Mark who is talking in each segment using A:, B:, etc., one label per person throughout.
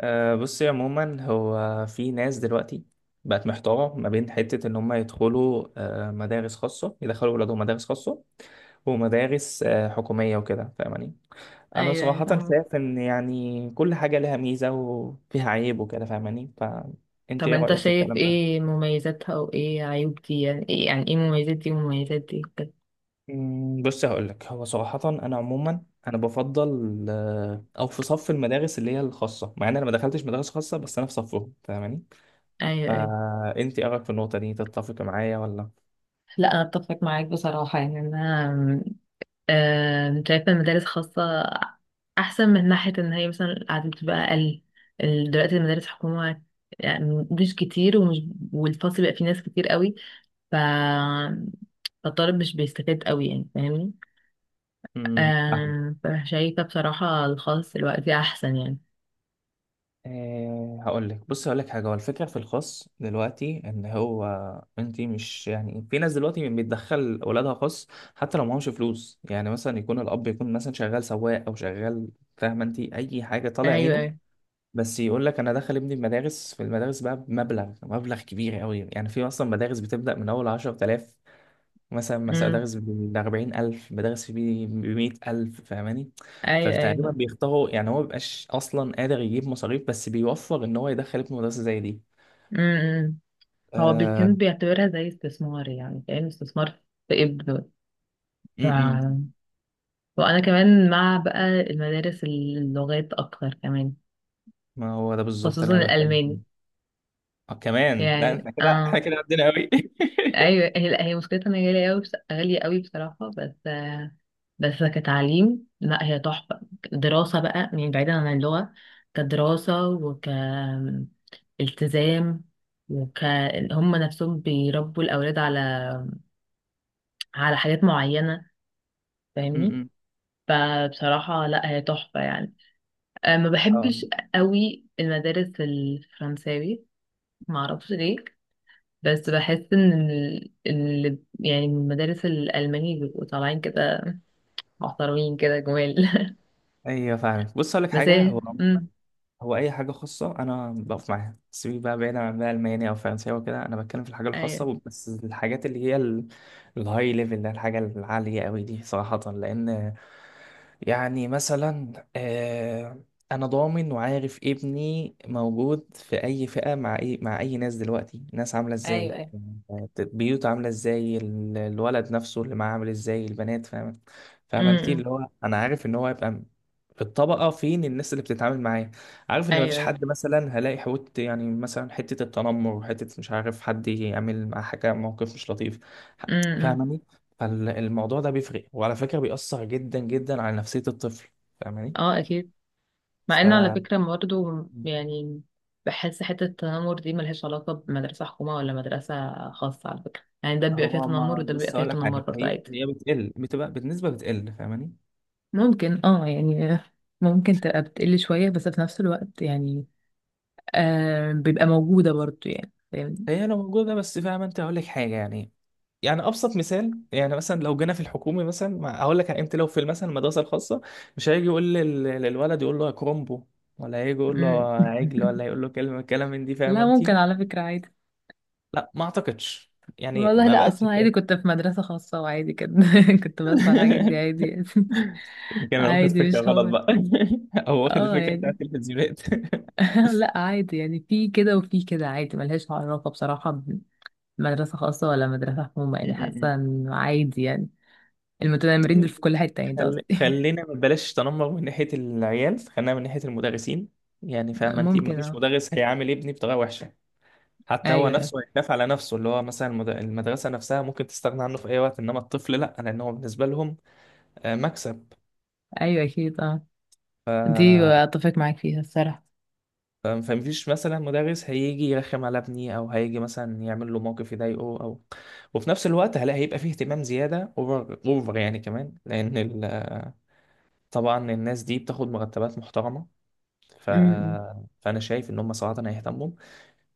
A: بصي، عموما هو في ناس دلوقتي بقت محتارة ما بين حتة إن هم يدخلوا مدارس خاصة، يدخلوا ولادهم مدارس خاصة ومدارس حكومية وكده، فاهماني؟ أنا
B: ايوه أيوة،
A: صراحة
B: فاهمة.
A: شايف إن يعني كل حاجة لها ميزة وفيها عيب وكده، فاهماني؟ فأنت
B: طب
A: إيه
B: انت
A: رأيك في
B: شايف
A: الكلام ده؟
B: ايه مميزاتها وايه عيوب دي؟ يعني ايه مميزات دي ومميزات دي وكده.
A: بص هقولك، هو صراحة أنا عموما بفضل أو في صف المدارس اللي هي الخاصة، مع إن أنا ما دخلتش مدارس خاصة، بس أنا في صفهم، فاهماني؟
B: ايوه.
A: فانت ايه رايك في النقطه دي، تتفق معايا ولا؟
B: لا انا اتفق معاك بصراحة. يعني انا آم، شايفة المدارس خاصة احسن، من ناحية ان هي مثلا القعدة بتبقى اقل. دلوقتي المدارس حكومة يعني مش كتير، والفصل بقى فيه ناس كتير قوي. ف فالطالب مش بيستفاد قوي، يعني فاهمني.
A: فاهم.
B: فشايفة بصراحة الخاص دلوقتي احسن يعني.
A: أه هقول لك، بص هقول لك حاجه. هو الفكره في الخاص دلوقتي ان هو انت، مش يعني في ناس دلوقتي بتدخل اولادها خاص حتى لو معهمش فلوس؟ يعني مثلا يكون الاب يكون مثلا شغال سواق او شغال، فاهمه انت، اي حاجه طالع عينه،
B: ايوه
A: بس يقول لك انا داخل ابني المدارس، في المدارس بقى بمبلغ كبير قوي. يعني في اصلا مدارس بتبدا من اول 10,000، مثلا
B: ايوه
A: بدرس بأربعين ألف، بدرس بيه بمية ألف، فاهماني؟
B: ايوه
A: فتقريبا
B: ايوه
A: بيختاروا، يعني هو مبيبقاش أصلا قادر يجيب مصاريف، بس بيوفر إن هو يدخل ابنه مدرسة زي دي.
B: امم، هو بيكون
A: آه.
B: بيعتبرها زي استثمار، يعني كأنه استثمار في ابنه.
A: م
B: ف...
A: -م.
B: وانا كمان مع بقى المدارس اللغات اكتر كمان،
A: ما هو ده بالظبط
B: خصوصا
A: اللي أنا بتكلم
B: الالماني.
A: فيه. آه كمان، لا
B: يعني
A: احنا كده
B: اه
A: عدينا أوي.
B: ايوه. هي لا، هي مشكلتها ان هي غاليه قوي بصراحه، بس كتعليم لا هي تحفه. دراسه بقى، يعني بعيدا عن اللغه، كدراسه وك التزام وك هم نفسهم بيربوا الأولاد على على حاجات معينة،
A: م-
B: فاهمني.
A: م.
B: فبصراحة لا هي تحفة يعني. ما
A: اه
B: بحبش قوي المدارس الفرنساوي، ما اعرفش ليه. بس بحس ان يعني من المدارس الالماني بيبقوا طالعين كده، محترمين كده جمال
A: ايوه، فاهمك. بص اقول لك
B: بس
A: حاجه،
B: هي
A: هو عموما هو اي حاجه خاصه انا بقف معاها. سيبك بقى بعيدا عن بقى الماني او فرنساوي وكده، انا بتكلم في الحاجه
B: ايوه
A: الخاصه بس. الحاجات اللي هي الهاي ليفل ده، الحاجه العاليه قوي دي، صراحه لان يعني مثلا انا ضامن وعارف ابني موجود في اي فئة، مع اي ناس. دلوقتي الناس عاملة ازاي،
B: ايوه ايوه
A: بيوت عاملة ازاي، الولد نفسه اللي معاه عامل ازاي، البنات، فاهم؟ فاهم انت
B: امم
A: اللي هو انا عارف ان هو هيبقى في الطبقة، فين الناس اللي بتتعامل معاه، عارف ان مفيش
B: ايوه
A: حد مثلا هلاقي حوت. يعني مثلا حتة التنمر، حتة مش عارف حد يعمل مع حاجة موقف مش لطيف،
B: امم
A: فاهماني؟ فالموضوع ده بيفرق، وعلى فكرة بيأثر جدا جدا على نفسية الطفل، فاهماني؟
B: اه اكيد. مع
A: ف
B: ان على فكرة برضه يعني بحس حتة التنمر دي ملهاش علاقة بمدرسة حكومة ولا مدرسة خاصة، على فكرة. يعني ده بيبقى فيها
A: هو
B: تنمر
A: ما،
B: وده بيبقى
A: بص
B: فيها
A: اقول لك
B: تنمر
A: حاجه،
B: برضه عادي.
A: هي بتقل، بتبقى بالنسبه بتقل، فاهماني؟
B: ممكن اه، يعني ممكن تبقى بتقل شوية، بس في نفس الوقت يعني بيبقى موجودة برضو يعني، فاهمني.
A: هي لو موجوده بس، فاهمه انت، هقول لك حاجه يعني. يعني ابسط مثال، يعني مثلا لو جينا في الحكومي، مثلا هقول لك انت لو في مثلا المدرسه الخاصه، مش هيجي يقول للولد يقول له يا كرومبو، ولا هيجي يقول له
B: مم.
A: يا عجل، ولا يقول له كلمه كلام من دي، فاهمه
B: لا
A: انت؟
B: ممكن على فكرة عادي.
A: لا ما اعتقدش، يعني
B: والله
A: ما
B: لا،
A: بقتش
B: اصلا عادي.
A: كده.
B: كنت في مدرسة خاصة وعادي كده كنت بسمع الحاجات دي عادي يعني.
A: يمكن انا واخد
B: عادي
A: فكره
B: مش
A: غلط
B: حوار.
A: بقى. او واخد
B: اه
A: الفكره
B: يعني
A: بتاعت التلفزيونات.
B: لا عادي، يعني في كده وفي كده عادي. ملهاش علاقة بصراحة بمدرسة خاصة ولا مدرسة حكومة، يعني
A: م-م-م.
B: حاسة انه عادي يعني. المتنمرين دول في كل حتة، يعني ده قصدي.
A: خلينا ما بلاش تنمر من ناحيه العيال، خلينا من ناحيه المدرسين. يعني فاهمه انت، ما
B: ممكن
A: فيش
B: اه.
A: مدرس هيعامل ابني بطريقه وحشه، حتى هو
B: ايوه
A: نفسه هيخاف على نفسه. اللي هو مثلا المدرسه نفسها ممكن تستغنى عنه في اي وقت، انما الطفل لا، لان هو بالنسبه لهم مكسب،
B: ايوه اكيد اه، دي اتفق معاك فيها الصراحة.
A: فاهم؟ فمفيش مثلا مدرس هيجي يرخم على ابني، او هيجي مثلا يعمل له موقف يضايقه او. وفي نفس الوقت هلا هيبقى فيه اهتمام زياده، اوفر اوفر يعني، كمان لان طبعا الناس دي بتاخد مرتبات محترمه، ف...
B: امم
A: فانا شايف ان هم صراحه هيهتموا.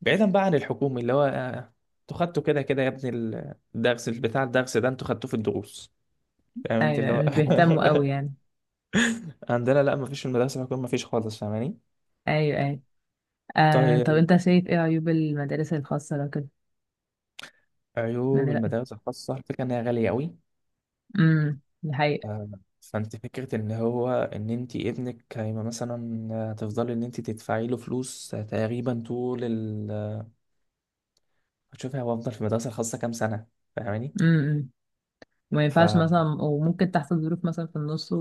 A: بعيدا بقى عن الحكومي اللي هو انتوا خدتوا كده كده يا ابني، الدرس ده انتوا خدتوه في الدروس، فاهم انت اللي
B: ايوه،
A: هو؟
B: مش بيهتموا قوي يعني.
A: عندنا لا، مفيش، في المدرسه الحكوميه مفيش خالص، فاهماني؟
B: ايوه ايوه. طب
A: طيب،
B: انت شايف ايه عيوب المدارس الخاصة لو كده، من
A: عيوب
B: رأيك؟
A: المدارس الخاصة الفكرة إنها غالية أوي.
B: دي حقيقة.
A: آه، فانت فكرة ان هو ان انت ابنك هيبقى مثلا تفضلي ان انت تدفعي له فلوس تقريبا طول هتشوفي هو افضل في المدرسة الخاصة كام سنة، فاهماني؟
B: امم، ما
A: ف
B: ينفعش مثلا،
A: م-
B: وممكن تحصل ظروف مثلا في النص،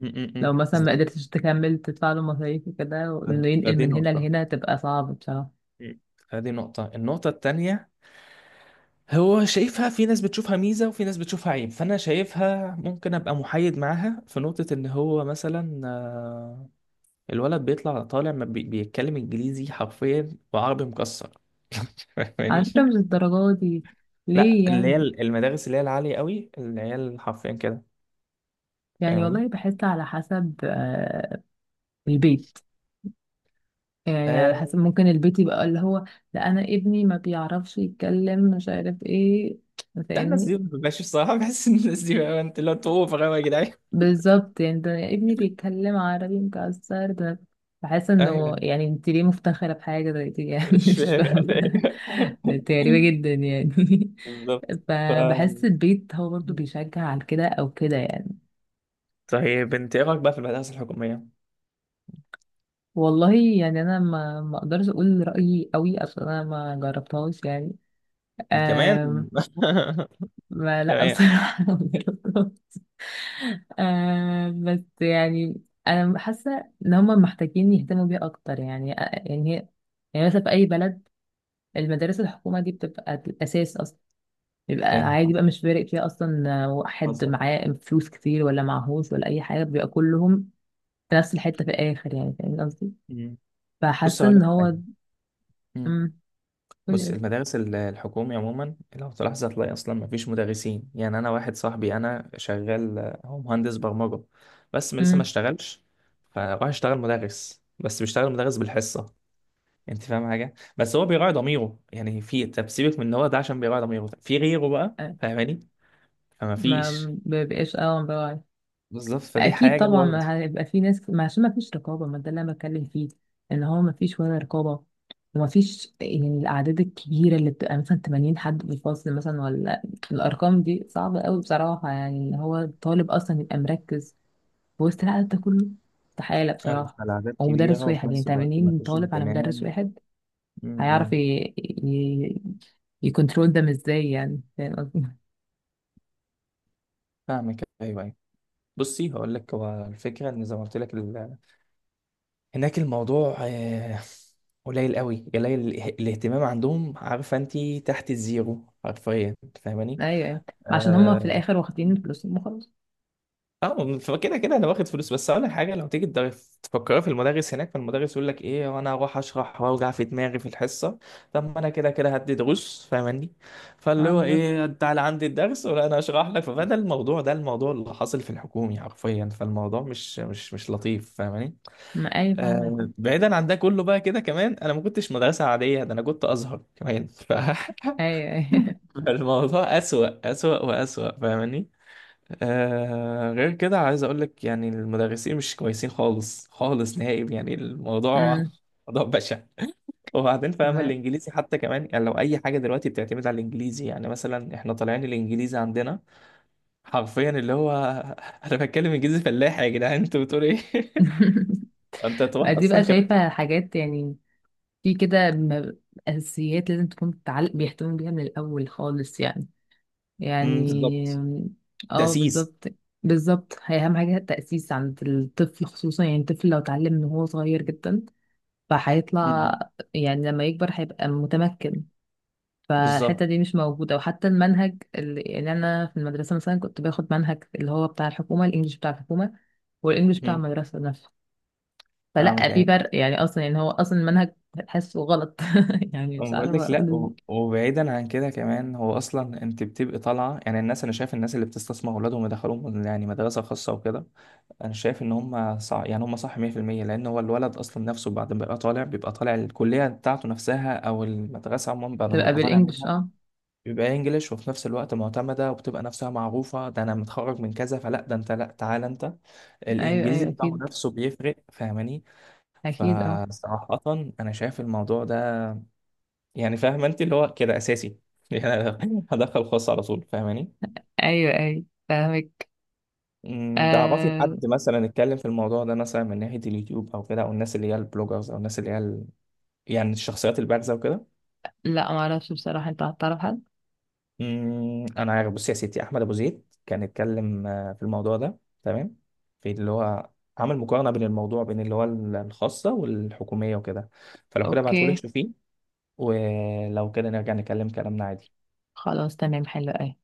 A: م-
B: لو
A: م،
B: مثلا ما
A: بالظبط.
B: قدرتش تكمل تدفع له مصاريف وكده،
A: ف-
B: وانه ينقل
A: فدي
B: من هنا
A: نقطة.
B: لهنا تبقى صعب بصراحة.
A: م. فدي نقطة. النقطة التانية، هو شايفها، في ناس بتشوفها ميزة وفي ناس بتشوفها عيب، فأنا شايفها ممكن أبقى محايد معاها. في نقطة إن هو مثلا الولد بيطلع، طالع ما بيتكلم إنجليزي حرفيا وعربي مكسر.
B: على
A: فاهماني؟
B: فكرة مش الدرجات دي،
A: لا،
B: ليه
A: اللي هي
B: يعني؟
A: المدارس اللي هي العالية قوي، اللي هي حرفيا كده،
B: يعني
A: فاهماني؟
B: والله بحس على حسب البيت، يعني على
A: آه.
B: حسب. ممكن البيت يبقى اللي هو لا انا ابني ما بيعرفش يتكلم مش عارف ايه،
A: ده الناس
B: فاهمني.
A: دي ما بتبقاش الصراحة. بحس ان الناس دي، بقى انت اللي هو، انتوا اوفر قوي يا جدعان.
B: بالظبط. يعني ده ابني بيتكلم عربي مكسر ده، بحس انه
A: ايوه،
B: يعني انت ليه مفتخرة بحاجة زي دي يعني
A: مش
B: مش
A: فاهم يعني.
B: فاهمة، ده انت غريبة
A: إيه.
B: جدا يعني.
A: بالظبط. ف
B: فبحس البيت هو برضو بيشجع على كده او كده يعني.
A: طيب انت ايه رايك بقى في المدارس الحكومية؟
B: والله يعني انا ما اقدرش اقول رأيي قوي، عشان انا ما جربتهاش يعني.
A: كمان.
B: أم... ما لا
A: تمام.
B: بصراحة ما جربتهاش. بس يعني انا حاسه ان هم محتاجين يهتموا بيها اكتر، يعني هي يعني مثلا في اي بلد المدارس الحكومه دي بتبقى الاساس اصلا. بيبقى
A: فاهم.
B: عادي
A: حصل.
B: بقى، مش فارق فيها اصلا واحد
A: حصل.
B: معاه فلوس كتير ولا معهوش ولا اي حاجه، بيبقى كلهم في نفس الحته في الاخر، يعني فاهم قصدي.
A: مم. بص
B: فحاسه
A: هقول لك
B: ان
A: حاجة.
B: هو
A: مم.
B: امم. قولي
A: بص،
B: قولي.
A: المدارس الحكومي عموما لو تلاحظ هتلاقي اصلا مفيش مدرسين. يعني انا واحد صاحبي انا شغال، هو مهندس برمجه، بس لسه ما
B: امم
A: اشتغلش، فراح اشتغل مدرس، بس بيشتغل مدرس بالحصه. انت فاهم حاجه؟ بس هو بيراعي ضميره، يعني في، طب سيبك من ان هو ده، عشان بيراعي ضميره، في غيره بقى
B: آه،
A: فاهماني؟ فما
B: ما
A: فيش،
B: بيبقاش اه.
A: بالظبط، فدي
B: اكيد
A: حاجه
B: طبعا،
A: برضه.
B: ما هيبقى في ناس. ما عشان ما فيش رقابه، ما ده اللي انا بتكلم فيه، ان هو ما فيش ولا رقابه، وما فيش. يعني الاعداد الكبيره اللي بتبقى مثلا 80 حد في الفصل مثلا، ولا الارقام دي صعبه قوي بصراحه، يعني ان هو الطالب اصلا يبقى مركز في وسط العدد ده كله استحاله بصراحه.
A: العدد
B: او مدرس
A: كبيره وفي
B: واحد يعني
A: نفس الوقت ما
B: 80
A: فيش
B: طالب على مدرس
A: اهتمام.
B: واحد،
A: م-
B: هيعرف
A: م.
B: ي... يكنترول ده ازاي يعني، فاهم قصدي؟
A: فاهمك، ايوه ايوه. بصي هقول لك، هو الفكره ان زي ما قلت لك، هناك الموضوع قليل قوي، قليل الاهتمام عندهم، عارفه انت، تحت الزيرو حرفيا، فاهماني؟
B: ايوه أيوة. عشان هما في
A: اه.
B: الاخر واخدين فلوسهم وخلاص.
A: فكده كده انا واخد فلوس، بس اقول لك حاجه، لو تيجي تفكري في المدرس هناك، فالمدرس يقول لك ايه وانا هروح اشرح واوجع في دماغي في الحصه؟ طب ما انا كده كده هدي دروس، فاهماني؟ فاللي
B: اه
A: هو
B: بالظبط،
A: ايه، تعالى عندي الدرس ولا انا اشرح لك. فده الموضوع، ده الموضوع اللي حاصل في الحكومي حرفيا، فالموضوع مش لطيف، فاهماني؟
B: ما ايوه فاهمة.
A: بعيدا عن ده كله بقى كده كمان، انا ما كنتش مدرسه عاديه، ده انا كنت ازهر كمان،
B: ايوه ايوه
A: فالموضوع اسوأ، واسوأ، فاهماني؟ آه، غير كده عايز اقول لك، يعني المدرسين مش كويسين خالص، نهائي، يعني الموضوع
B: امم.
A: موضوع بشع. وبعدين فاهمة،
B: ما
A: الإنجليزي حتى كمان، يعني لو أي حاجة دلوقتي بتعتمد على الإنجليزي، يعني مثلا إحنا طالعين الإنجليزي عندنا حرفيا اللي هو أنا بتكلم إنجليزي فلاحي يا جدعان، أنتوا بتقولوا إيه؟ أنت
B: ما
A: تروح
B: دي بقى
A: أصلا كمان.
B: شايفة حاجات يعني، في كده أساسيات لازم تكون بتعلق، بيهتموا بيها من الأول خالص يعني. يعني
A: بالظبط،
B: اه
A: تأسيس.
B: بالظبط. بالظبط، هي أهم حاجة التأسيس عند الطفل خصوصا. يعني الطفل لو اتعلم من هو صغير جدا فهيطلع،
A: مم.
B: يعني لما يكبر هيبقى متمكن.
A: بالظبط.
B: فالحتة دي مش موجودة، وحتى المنهج اللي يعني أنا في المدرسة مثلا كنت باخد منهج اللي هو بتاع الحكومة، الإنجليش بتاع الحكومة والانجليش بتاع
A: مم.
B: المدرسه نفسه،
A: فاهمك،
B: فلا في
A: ايوه.
B: فرق يعني اصلا. يعني هو اصلا المنهج تحسه غلط يعني مش
A: أنا بقول
B: عارفه
A: لك
B: اقول
A: لا،
B: إزاي.
A: وبعيدا عن كده كمان، هو اصلا انت بتبقي طالعه، يعني الناس، انا شايف الناس اللي بتستثمر اولادهم يدخلوهم يعني مدرسه خاصه وكده، انا شايف ان هم صح، يعني هم صح 100%، لان هو الولد اصلا نفسه بعد ما بيبقى طالع، بيبقى طالع الكليه بتاعته نفسها او المدرسه عموما، بعد ما
B: تبقى
A: يبقى طالع
B: بالانجلش
A: منها
B: اه.
A: بيبقى انجليش، وفي نفس الوقت معتمده وبتبقى نفسها معروفه، ده انا متخرج من كذا، فلا ده انت، لا تعالى انت،
B: ايوه
A: الانجليزي
B: ايوه
A: بتاعه
B: اكيد.
A: نفسه بيفرق، فاهماني؟
B: اكيد اه.
A: فصراحة أنا شايف الموضوع ده، يعني فاهم أنت اللي هو كده أساسي، يعني أنا هدخل خاص على طول، فاهماني؟
B: ايوه ايوه فاهمك.
A: تعرفي
B: آه
A: حد مثلا اتكلم في الموضوع ده، مثلا من ناحية اليوتيوب أو كده، أو الناس اللي هي البلوجرز، أو الناس اللي هي يعني الشخصيات البارزة وكده؟
B: لا ما اعرفش بصراحه، انت هتعرف حد؟
A: أنا عارف، بصي يا ستي، أحمد أبو زيد كان اتكلم في الموضوع ده، تمام؟ في اللي هو عمل مقارنة بين الموضوع، بين اللي هو الخاصة والحكومية وكده. فلو كده ابعتهولك
B: اوكي.
A: شوفيه، ولو كده نرجع نكلم كلامنا عادي.
B: خلاص تمام، حلو أوي.